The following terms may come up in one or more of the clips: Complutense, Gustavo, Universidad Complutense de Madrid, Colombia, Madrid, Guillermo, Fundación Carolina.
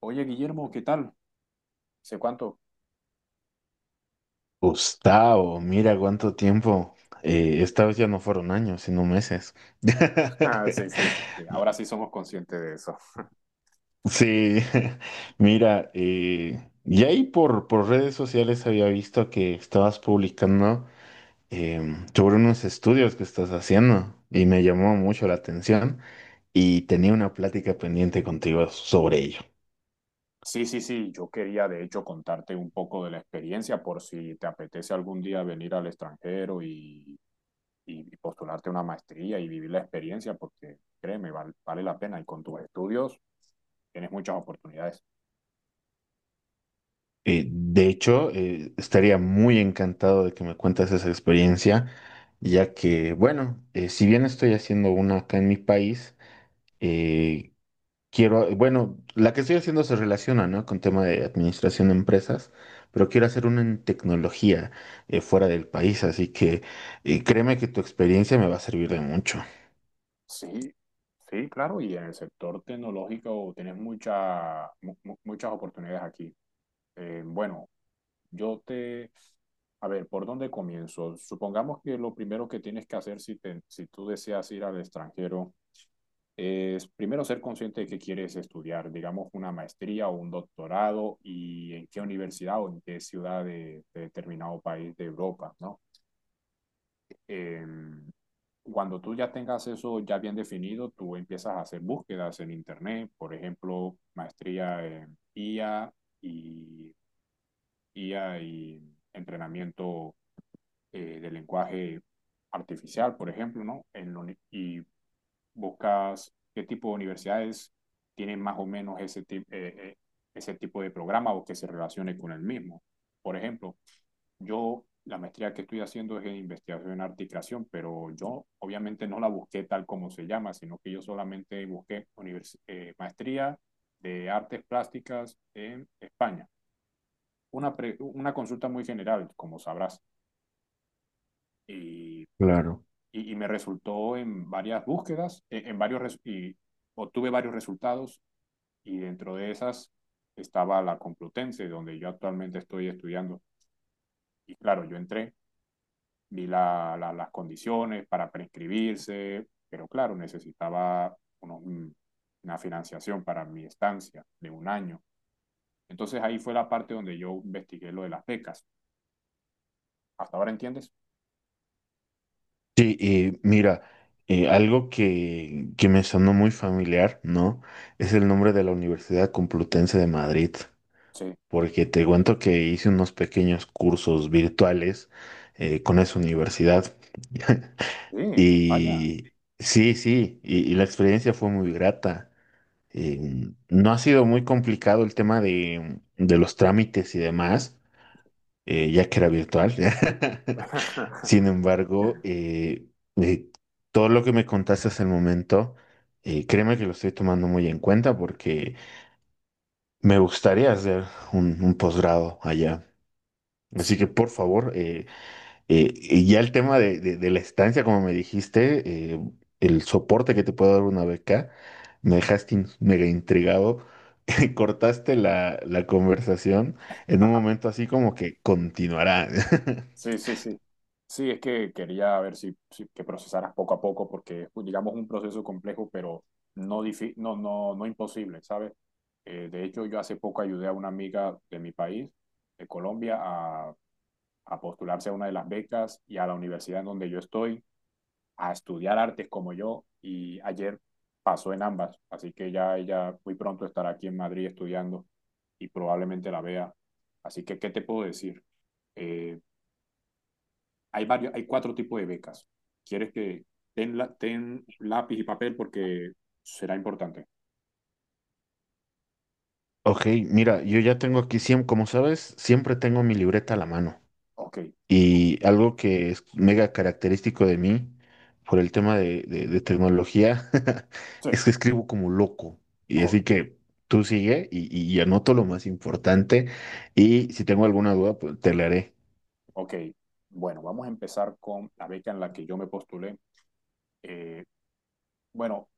Oye, Guillermo, ¿qué tal? ¿Sé cuánto? Gustavo, mira cuánto tiempo. Esta vez ya no fueron años, sino meses. Ah, sí, sí, sí, sí. Ahora sí somos conscientes de eso. Sí, mira, y ahí por redes sociales había visto que estabas publicando sobre unos estudios que estás haciendo y me llamó mucho la atención y tenía una plática pendiente contigo sobre ello. Sí, sí, sí, yo quería de hecho contarte un poco de la experiencia por si te apetece algún día venir al extranjero y postularte una maestría y vivir la experiencia porque créeme, vale la pena y con tus estudios tienes muchas oportunidades. De hecho, estaría muy encantado de que me cuentes esa experiencia, ya que, bueno, si bien estoy haciendo una acá en mi país, eh, quiero, bueno, la que estoy haciendo se relaciona, ¿no?, con tema de administración de empresas, pero quiero hacer una en tecnología fuera del país, así que créeme que tu experiencia me va a servir de mucho. Sí, sí, claro, y en el sector tecnológico tienes muchas oportunidades aquí. Bueno, Yo te, a ver, ¿por dónde comienzo? Supongamos que lo primero que tienes que hacer si tú deseas ir al extranjero es primero ser consciente de que quieres estudiar, digamos, una maestría o un doctorado y en qué universidad o en qué ciudad de determinado país de Europa, ¿no? Eh, cuando tú ya tengas eso ya bien definido, tú empiezas a hacer búsquedas en Internet, por ejemplo, maestría en IA y, IA y entrenamiento de lenguaje artificial, por ejemplo, ¿no? Y buscas qué tipo de universidades tienen más o menos ese tipo de programa o que se relacione con el mismo. Por ejemplo, yo la maestría que estoy haciendo es en investigación en arte y creación, pero yo obviamente no la busqué tal como se llama, sino que yo solamente busqué maestría de artes plásticas en España. Una consulta muy general, como sabrás. Y Claro. Y me resultó en varias búsquedas, en varios y obtuve varios resultados y dentro de esas estaba la Complutense, donde yo actualmente estoy estudiando. Y claro, yo entré, vi las condiciones para prescribirse, pero claro, una financiación para mi estancia de 1 año. Entonces ahí fue la parte donde yo investigué lo de las becas. ¿Hasta ahora entiendes? Sí, mira, algo que me sonó muy familiar, ¿no? Es el nombre de la Universidad Complutense de Madrid, Sí. porque te cuento que hice unos pequeños cursos virtuales con esa universidad. Sí, vaya. Y sí, sí, y la experiencia fue muy grata. No ha sido muy complicado el tema de los trámites y demás, ya que era virtual. Sin embargo, eh, todo lo que me contaste hasta el momento, créeme que lo estoy tomando muy en cuenta porque me gustaría hacer un posgrado allá. Así que sí. por favor, y ya el tema de la estancia, como me dijiste, el soporte que te puede dar una beca, me dejaste mega intrigado. Cortaste la conversación en un momento así como que continuará. Sí, sí, sí. Sí, es que quería ver que procesaras poco a poco, porque es, digamos, un proceso complejo, pero no, no imposible, ¿sabes? De hecho, yo hace poco ayudé a una amiga de mi país, de Colombia, a postularse a una de las becas y a la universidad en donde yo estoy, a estudiar artes como yo, y ayer pasó en ambas, así que ya ella muy pronto estará aquí en Madrid estudiando y probablemente la vea. Así que, ¿qué te puedo decir? Eh, hay 4 tipos de becas. ¿Quieres que ten lápiz y papel porque será importante? Ok, mira, yo ya tengo aquí, como sabes, siempre tengo mi libreta a la mano. Ok, Y algo que es mega característico de mí por el tema de tecnología sí, es que escribo como loco. Y oh, así que tú sigue y anoto lo más importante. Y si tengo alguna duda, pues te la haré. ok. Bueno, vamos a empezar con la beca en la que yo me postulé. Eh, bueno,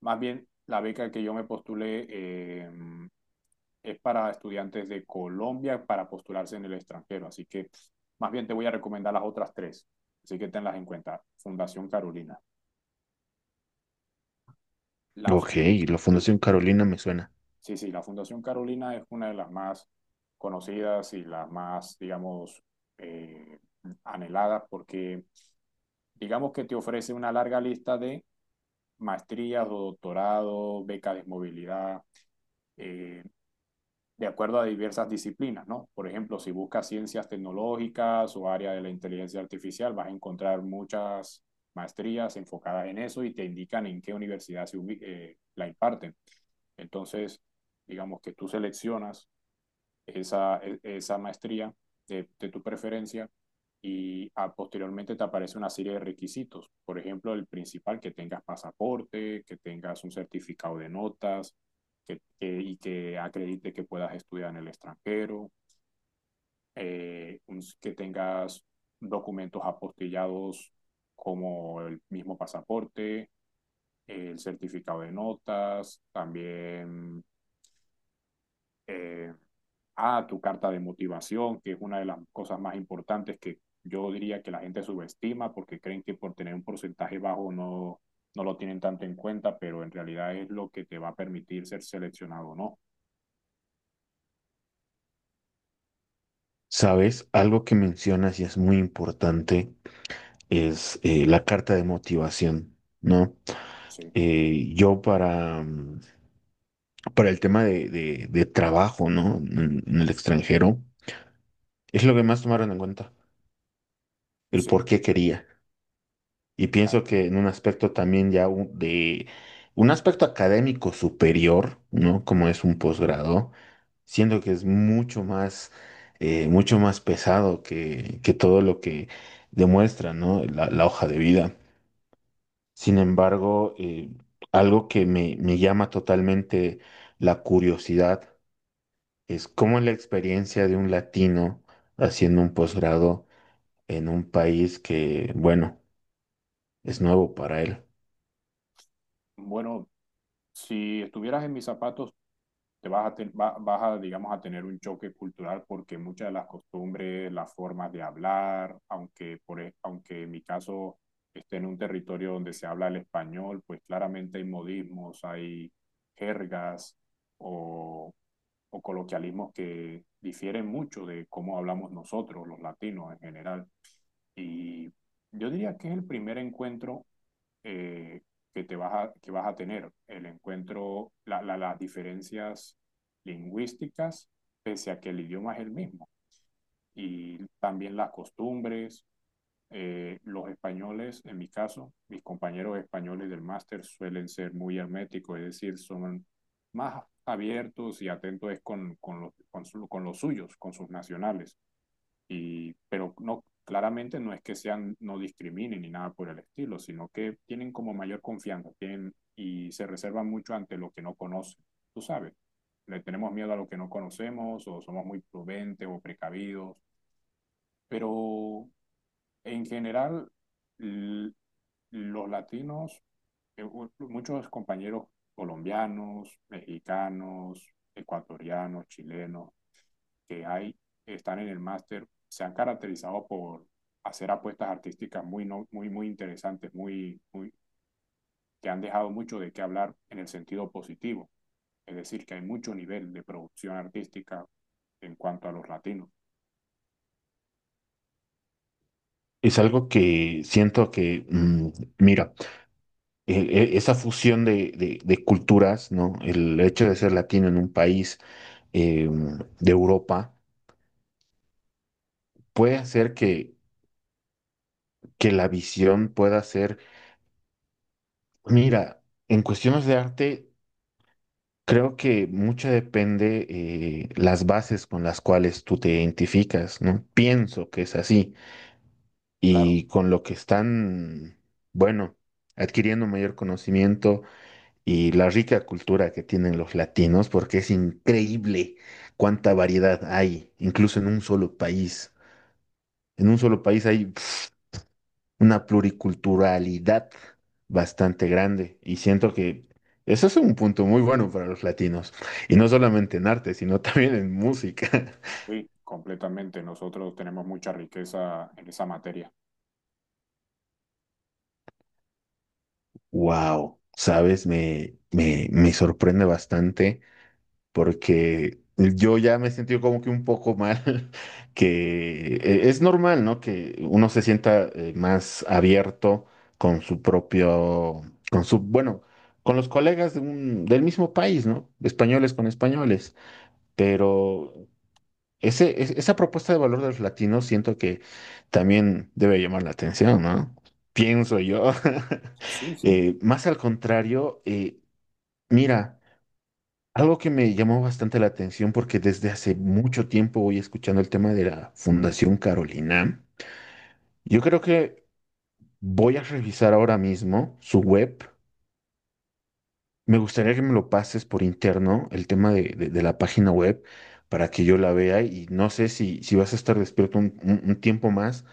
más bien la beca que yo me postulé es para estudiantes de Colombia para postularse en el extranjero. Así que más bien te voy a recomendar las otras 3. Así que tenlas en cuenta. Fundación Carolina. La, Ok, fun- la sí, Fundación Carolina me suena. Sí, sí, la Fundación Carolina es una de las más conocidas y las más, digamos, eh, anheladas porque, digamos que te ofrece una larga lista de maestrías o doctorado, becas de movilidad, eh, de acuerdo a diversas disciplinas, ¿no? Por ejemplo, si buscas ciencias tecnológicas o área de la inteligencia artificial, vas a encontrar muchas maestrías enfocadas en eso y te indican en qué universidad la imparten. Entonces, digamos que tú seleccionas esa, esa maestría de tu preferencia posteriormente te aparece una serie de requisitos. Por ejemplo, el principal, que tengas pasaporte, que tengas un certificado de notas y que acredite que puedas estudiar en el extranjero, que tengas documentos apostillados como el mismo pasaporte, el certificado de notas, también eh, a tu carta de motivación, que es una de las cosas más importantes que yo diría que la gente subestima porque creen que por tener un porcentaje bajo no lo tienen tanto en cuenta, pero en realidad es lo que te va a permitir ser seleccionado o no. ¿Sabes? Algo que mencionas y es muy importante es la carta de motivación, ¿no? Sí, Yo para el tema de trabajo, ¿no? En el extranjero, es lo que más tomaron en cuenta, el sí, por qué quería. Y pienso que en un aspecto también de un aspecto académico superior, ¿no? Como es un posgrado, siento que es mucho más pesado que todo lo que demuestra, ¿no? La hoja de vida. Sin embargo, algo que me llama totalmente la curiosidad es cómo es la experiencia de un latino haciendo un posgrado en un país que, bueno, es nuevo para él. bueno, si estuvieras en mis zapatos, te vas a, te va- vas a, digamos, a tener un choque cultural porque muchas de las costumbres, las formas de hablar, aunque en mi caso esté en un territorio donde se habla el español, pues claramente hay modismos, hay jergas o, o coloquialismos que difieren mucho de cómo hablamos nosotros, los latinos en general. Y yo diría que es el primer encuentro eh, que vas a tener, el encuentro, la, las diferencias lingüísticas, pese a que el idioma es el mismo, y también las costumbres. Los españoles, en mi caso, mis compañeros españoles del máster suelen ser muy herméticos, es decir, son más abiertos y atentos con los suyos, con sus nacionales. Y, pero no, claramente no es que sean, no discriminen ni nada por el estilo, sino que tienen como mayor confianza, y se reservan mucho ante lo que no conocen. Tú sabes, le tenemos miedo a lo que no conocemos, o somos muy prudentes o precavidos, pero en general, l- los latinos, muchos compañeros colombianos, mexicanos, ecuatorianos, chilenos, que hay, están en el máster, se han caracterizado por hacer apuestas artísticas muy, no- muy, muy interesantes, que han dejado mucho de qué hablar en el sentido positivo. Es decir, que hay mucho nivel de producción artística en cuanto a los latinos. Es algo que siento que, mm, mira, esa fusión de culturas, ¿no? El hecho de ser latino en un país eh, de Europa puede hacer que la visión pueda ser, mira, en cuestiones de arte. Creo que mucho depende las bases con las cuales tú te identificas, ¿no? Pienso que es así. Claro, Y con lo que están, bueno, adquiriendo mayor conocimiento y la rica cultura que tienen los latinos, porque es increíble cuánta variedad hay, incluso en un solo país. En un solo país hay una pluriculturalidad bastante grande y siento que eso es un punto muy bueno para los latinos y no solamente en arte, sino también en música. sí, completamente. Nosotros tenemos mucha riqueza en esa materia. Wow, sabes, me sorprende bastante porque yo ya me he sentido como que un poco mal, que es normal, ¿no? Que uno se sienta más abierto con su propio, con su, bueno, con los colegas de del mismo país, ¿no? Españoles con españoles. Pero esa propuesta de valor de los latinos siento que también debe llamar la atención, ¿no? Pienso yo. Sí, sí. Más al contrario, mira, algo que me llamó bastante la atención porque desde hace mucho tiempo voy escuchando el tema de la Fundación Carolina. Yo creo que voy a revisar ahora mismo su web. Me gustaría que me lo pases por interno, el tema de la página web, para que yo la vea y no sé si vas a estar despierto un, un tiempo más,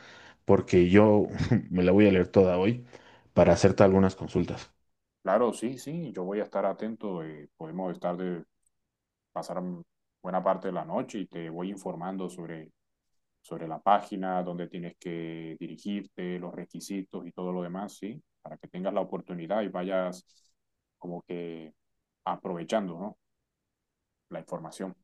porque yo me la voy a leer toda hoy para hacerte algunas consultas. Claro, sí, sí. Yo voy a estar atento. Podemos estar de pasar buena parte de la noche y te voy informando sobre la página, dónde tienes que dirigirte, los requisitos y todo lo demás, ¿sí? Para que tengas la oportunidad y vayas como que aprovechando, ¿no? La información.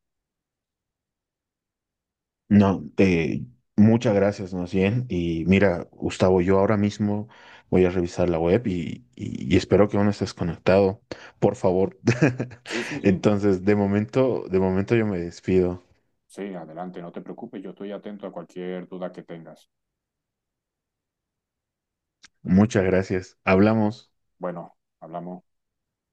No, muchas gracias, más bien. Y mira, Gustavo, yo ahora mismo voy a revisar la web y, y espero que aún estés conectado, por favor. Sí, sí, sí. Entonces, de momento yo me despido. Sí, adelante, no te preocupes, yo estoy atento a cualquier duda que tengas. Muchas gracias. Hablamos. Bueno, hablamos.